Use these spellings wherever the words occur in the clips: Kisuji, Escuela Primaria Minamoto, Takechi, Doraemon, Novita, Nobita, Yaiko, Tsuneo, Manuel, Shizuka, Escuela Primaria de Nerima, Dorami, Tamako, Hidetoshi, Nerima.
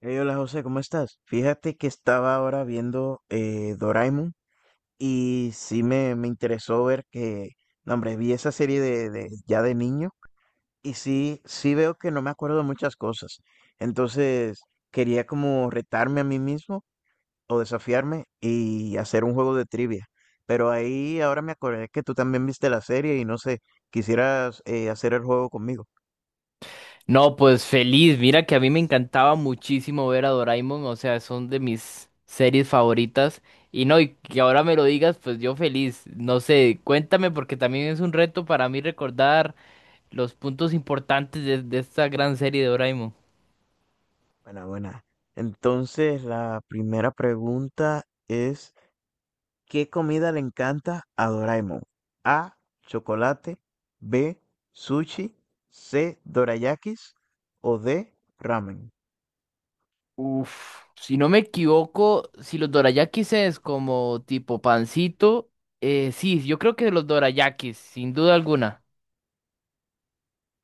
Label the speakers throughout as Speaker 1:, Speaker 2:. Speaker 1: Hey, hola José, ¿cómo estás? Fíjate que estaba ahora viendo Doraemon y sí me interesó ver que, no, hombre, vi esa serie ya de niño y sí, sí veo que no me acuerdo de muchas cosas. Entonces quería como retarme a mí mismo o desafiarme y hacer un juego de trivia. Pero ahí ahora me acordé que tú también viste la serie y no sé, quisieras hacer el juego conmigo.
Speaker 2: No, pues feliz. Mira que a mí me encantaba muchísimo ver a Doraemon, o sea, son de mis series favoritas. Y no, y que ahora me lo digas, pues yo feliz. No sé, cuéntame porque también es un reto para mí recordar los puntos importantes de esta gran serie de Doraemon.
Speaker 1: Buena, buena. Entonces la primera pregunta es... ¿Qué comida le encanta a Doraemon? A. Chocolate. B. Sushi. C. Dorayakis. O D. Ramen.
Speaker 2: Uf, si no me equivoco, si los dorayakis es como tipo pancito, sí, yo creo que los dorayakis, sin duda alguna.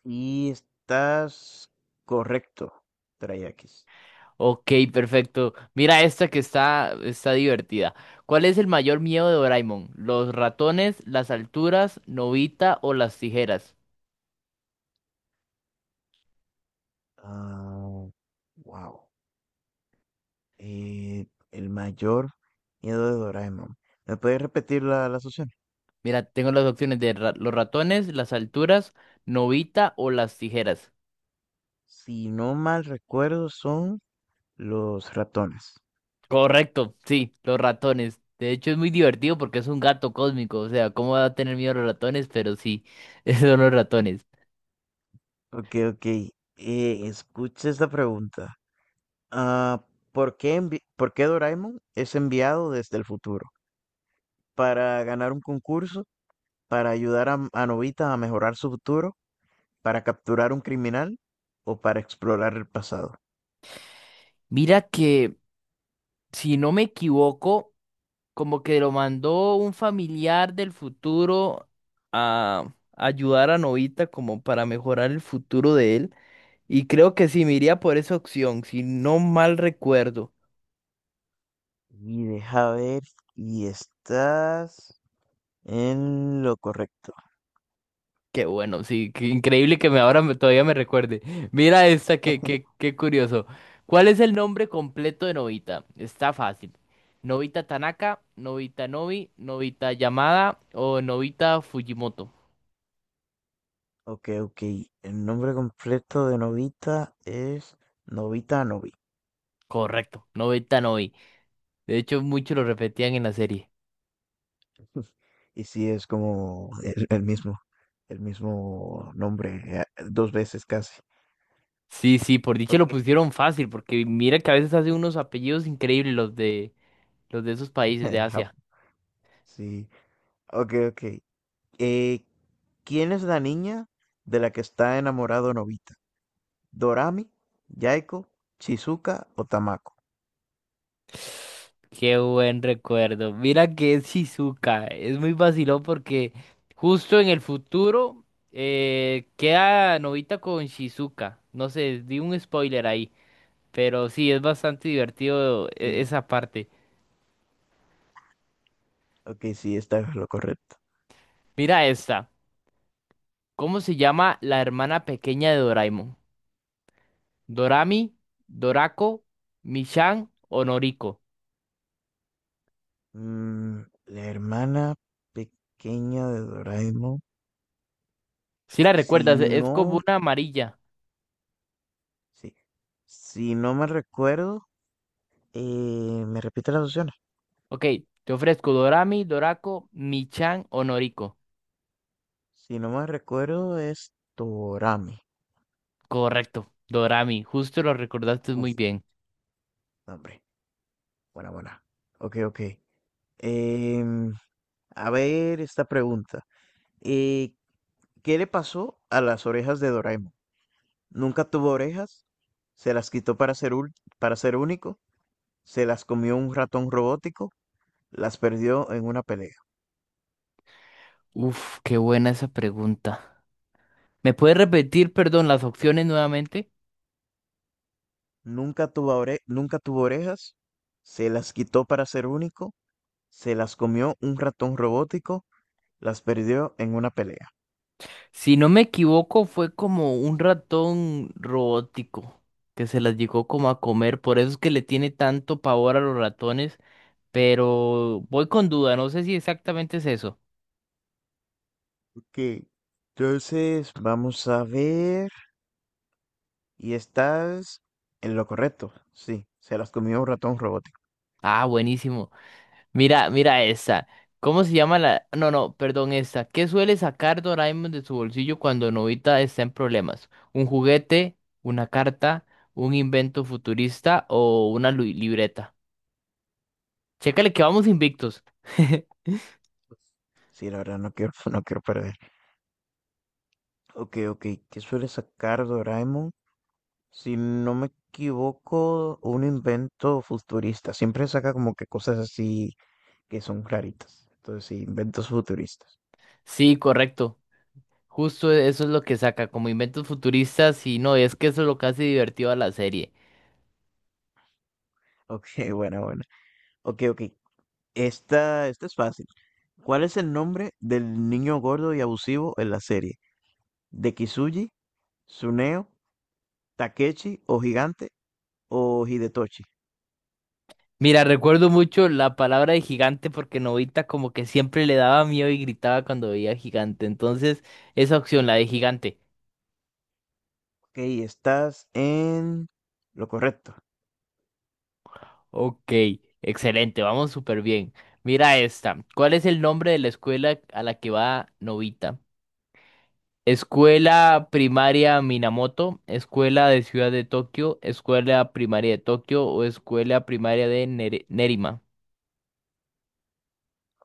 Speaker 1: Y estás correcto, Dorayakis.
Speaker 2: Ok, perfecto. Mira esta que está divertida. ¿Cuál es el mayor miedo de Doraemon? ¿Los ratones, las alturas, Novita o las tijeras?
Speaker 1: Ah, wow. Eh, el mayor miedo de Doraemon. ¿Me puedes repetir las opciones?
Speaker 2: Mira, tengo las opciones de los ratones, las alturas, Novita o las tijeras.
Speaker 1: Si no mal recuerdo, son los ratones.
Speaker 2: Correcto, sí, los ratones. De hecho, es muy divertido porque es un gato cósmico. O sea, ¿cómo va a tener miedo a los ratones? Pero sí, esos son los ratones.
Speaker 1: Ok, ok. Escucha esta pregunta. Ah, ¿por qué Doraemon es enviado desde el futuro? ¿Para ganar un concurso? ¿Para ayudar a Nobita a mejorar su futuro? ¿Para capturar un criminal? ¿O para explorar el pasado?
Speaker 2: Mira que, si no me equivoco, como que lo mandó un familiar del futuro a ayudar a Novita como para mejorar el futuro de él. Y creo que sí, me iría por esa opción, si no mal recuerdo.
Speaker 1: Y deja ver, y estás en lo correcto.
Speaker 2: Qué bueno, sí, qué increíble que todavía me recuerde. Mira esta, qué curioso. ¿Cuál es el nombre completo de Novita? Está fácil. Novita Tanaka, Novita Novi, Novita Yamada o Novita Fujimoto.
Speaker 1: Ok, ok. El nombre completo de Nobita es Nobita Novi.
Speaker 2: Correcto, Novita Novi. De hecho, muchos lo repetían en la serie.
Speaker 1: Y sí, es como el mismo nombre, dos veces casi.
Speaker 2: Sí, sí, por dicha lo
Speaker 1: Ok,
Speaker 2: pusieron fácil, porque mira que a veces hacen unos apellidos increíbles los de esos países de
Speaker 1: El Jap-
Speaker 2: Asia.
Speaker 1: Sí, ok, ok. Eh, ¿Quién es la niña de la que está enamorado Nobita? ¿Dorami, Yaiko, Shizuka o Tamako?
Speaker 2: Qué buen recuerdo. Mira que es Shizuka. Es muy vacilón porque justo en el futuro queda Novita con Shizuka. No sé, di un spoiler ahí. Pero sí, es bastante divertido
Speaker 1: Sí,
Speaker 2: esa parte.
Speaker 1: ok, sí, esta es lo correcto.
Speaker 2: Mira esta. ¿Cómo se llama la hermana pequeña de Doraemon? Dorami, Dorako, Michan o Noriko.
Speaker 1: Mm, la hermana pequeña de Doraemon.
Speaker 2: Si la
Speaker 1: Si
Speaker 2: recuerdas, es
Speaker 1: no,
Speaker 2: como una amarilla.
Speaker 1: sí, si no me recuerdo, me repite las opciones.
Speaker 2: Ok, te ofrezco Dorami, Dorako, Michan o Noriko.
Speaker 1: Si no me recuerdo, es Dorami.
Speaker 2: Correcto, Dorami, justo lo recordaste muy
Speaker 1: Uf,
Speaker 2: bien.
Speaker 1: hombre, buena, buena. Ok, ok. Em, A ver esta pregunta. eh, ¿Qué le pasó a las orejas de Doraemon? ¿Nunca tuvo orejas? ¿Se las quitó para ser, ul- para ser único? ¿Se las comió un ratón robótico? ¿Las perdió en una pelea?
Speaker 2: Uf, qué buena esa pregunta. ¿Me puedes repetir, perdón, las opciones nuevamente?
Speaker 1: ¿Nunca tuvo orejas? ¿Se las quitó para ser único? ¿Se las comió un ratón robótico? ¿Las perdió en una pelea?
Speaker 2: Si no me equivoco, fue como un ratón robótico que se las llegó como a comer, por eso es que le tiene tanto pavor a los ratones, pero voy con duda, no sé si exactamente es eso.
Speaker 1: Ok, entonces, vamos a ver. Y estás en lo correcto. Sí, se las comió un ratón robótico.
Speaker 2: Ah, buenísimo. Mira esta. ¿Cómo se llama la...? No, no, perdón, esta. ¿Qué suele sacar Doraemon de su bolsillo cuando Novita está en problemas? ¿Un juguete, una carta, un invento futurista o una libreta? Chécale que vamos invictos.
Speaker 1: Pues, sí, la verdad, no quiero, no quiero perder. Ok, ok. ¿Qué suele sacar Doraemon? Si no me equivoco, un invento futurista. Siempre saca como que cosas así que son claritas. Entonces, sí, inventos futuristas.
Speaker 2: Sí, correcto. Justo eso es lo que saca como inventos futuristas y no, es que eso es lo que hace divertido a la serie.
Speaker 1: Ok, bueno, bueno. Ok, ok. Esta es fácil. ¿Cuál es el nombre del niño gordo y abusivo en la serie? ¿De Kisuji, Tsuneo, Takechi o Gigante o Hidetoshi?
Speaker 2: Mira, recuerdo mucho la palabra de gigante porque Novita como que siempre le daba miedo y gritaba cuando veía gigante. Entonces, esa opción, la de gigante.
Speaker 1: Ok, estás en lo correcto.
Speaker 2: Ok, excelente, vamos súper bien. Mira esta. ¿Cuál es el nombre de la escuela a la que va Novita? Escuela Primaria Minamoto, Escuela de Ciudad de Tokio, Escuela Primaria de Tokio o Escuela Primaria de Nerima.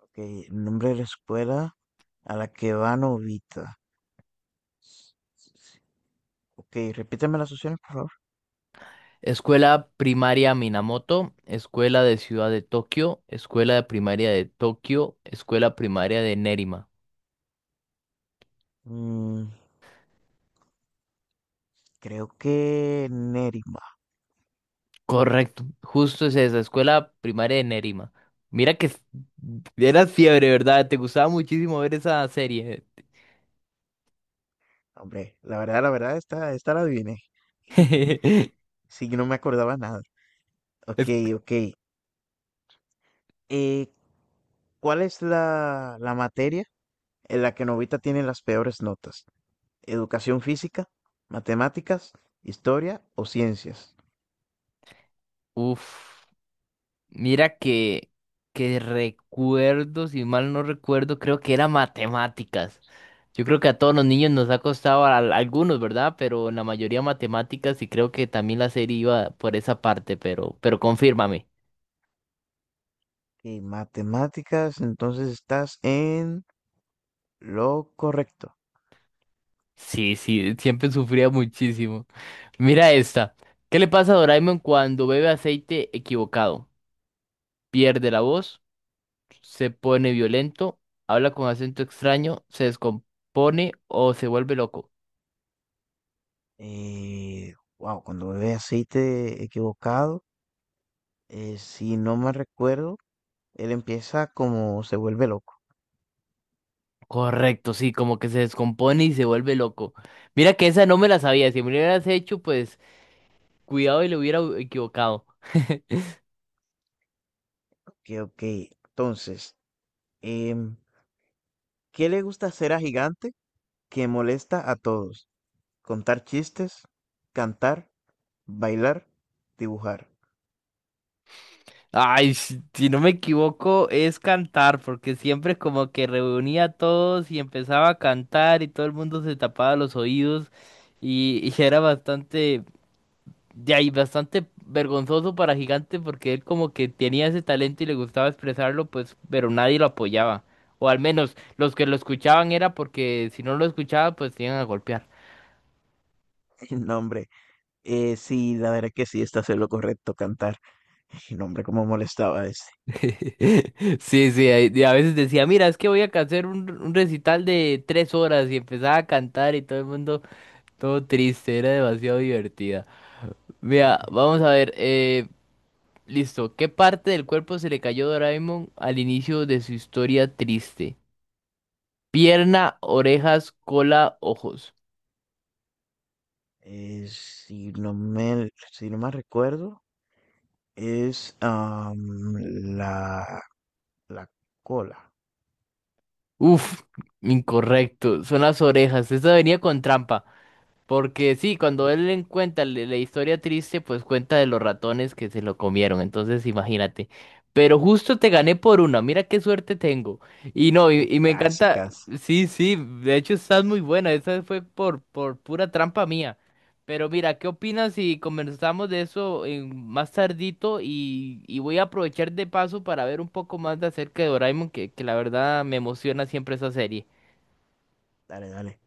Speaker 1: Okey, nombre de la escuela a la que va Novita. Okey, repíteme las opciones, por favor.
Speaker 2: Escuela Primaria Minamoto, Escuela de Ciudad de Tokio, Escuela de Primaria de Tokio, Escuela Primaria de Nerima.
Speaker 1: Mm, creo que Nerima.
Speaker 2: Correcto, justo es esa, Escuela Primaria de Nerima. Mira que era fiebre, ¿verdad? Te gustaba muchísimo ver esa serie.
Speaker 1: Hombre, la verdad, esta la adiviné. Sí, yo no me acordaba nada.
Speaker 2: Es-
Speaker 1: Okey, okey. Eh, ¿Cuál es la materia en la que Novita tiene las peores notas? ¿Educación física, matemáticas, historia o ciencias?
Speaker 2: Uf. Mira que recuerdo, si mal no recuerdo, creo que era matemáticas. Yo creo que a todos los niños nos ha costado a algunos, ¿verdad? Pero la mayoría matemáticas y creo que también la serie iba por esa parte, pero confírmame.
Speaker 1: Okey, matemáticas, entonces estás en lo correcto.
Speaker 2: Sí, sí, siempre sufría muchísimo. Mira esta. ¿Qué le pasa a Doraemon cuando bebe aceite equivocado? Pierde la voz, se pone violento, habla con acento extraño, se descompone o se vuelve loco.
Speaker 1: Wow, cuando bebe aceite equivocado, si no me recuerdo, él empieza como se vuelve loco.
Speaker 2: Correcto, sí, como que se descompone y se vuelve loco. Mira que esa no me la sabía. Si me la hubieras hecho, pues cuidado y le hubiera equivocado.
Speaker 1: Que ok, entonces, em, ¿qué le gusta hacer a Gigante que molesta a todos? Contar chistes, cantar, bailar, dibujar.
Speaker 2: Ay, si no me equivoco, es cantar, porque siempre como que reunía a todos y empezaba a cantar y todo el mundo se tapaba los oídos y era bastante. De ahí bastante vergonzoso para Gigante porque él como que tenía ese talento y le gustaba expresarlo, pues, pero nadie lo apoyaba. O al menos los que lo escuchaban era porque si no lo escuchaba, pues te iban a golpear.
Speaker 1: No, hombre, sí, la verdad que sí, está haciendo lo correcto, cantar. No, hombre, cómo molestaba a ese.
Speaker 2: Sí, sí, ahí- y a veces decía, mira, es que voy a hacer un recital de 3 horas y empezaba a cantar y todo el mundo todo triste, era demasiado divertida. Mira, vamos a ver, listo, ¿qué parte del cuerpo se le cayó a Doraemon al inicio de su historia triste? Pierna, orejas, cola, ojos.
Speaker 1: Si no me recuerdo. Es am, la, la cola.
Speaker 2: Uf, incorrecto. Son las orejas. Esta venía con trampa. Porque sí, cuando él le cuenta la historia triste, pues cuenta de los ratones que se lo comieron. Entonces, imagínate. Pero justo te gané por una. Mira qué suerte tengo. Y no,
Speaker 1: O
Speaker 2: y me
Speaker 1: casi,
Speaker 2: encanta.
Speaker 1: casi.
Speaker 2: Sí, sí, de hecho estás muy buena. Esa fue por pura trampa mía. Pero mira, ¿qué opinas si conversamos de eso más tardito? Y voy a aprovechar de paso para ver un poco más de acerca de Doraemon, que la verdad me emociona siempre esa serie.
Speaker 1: Dale, dale.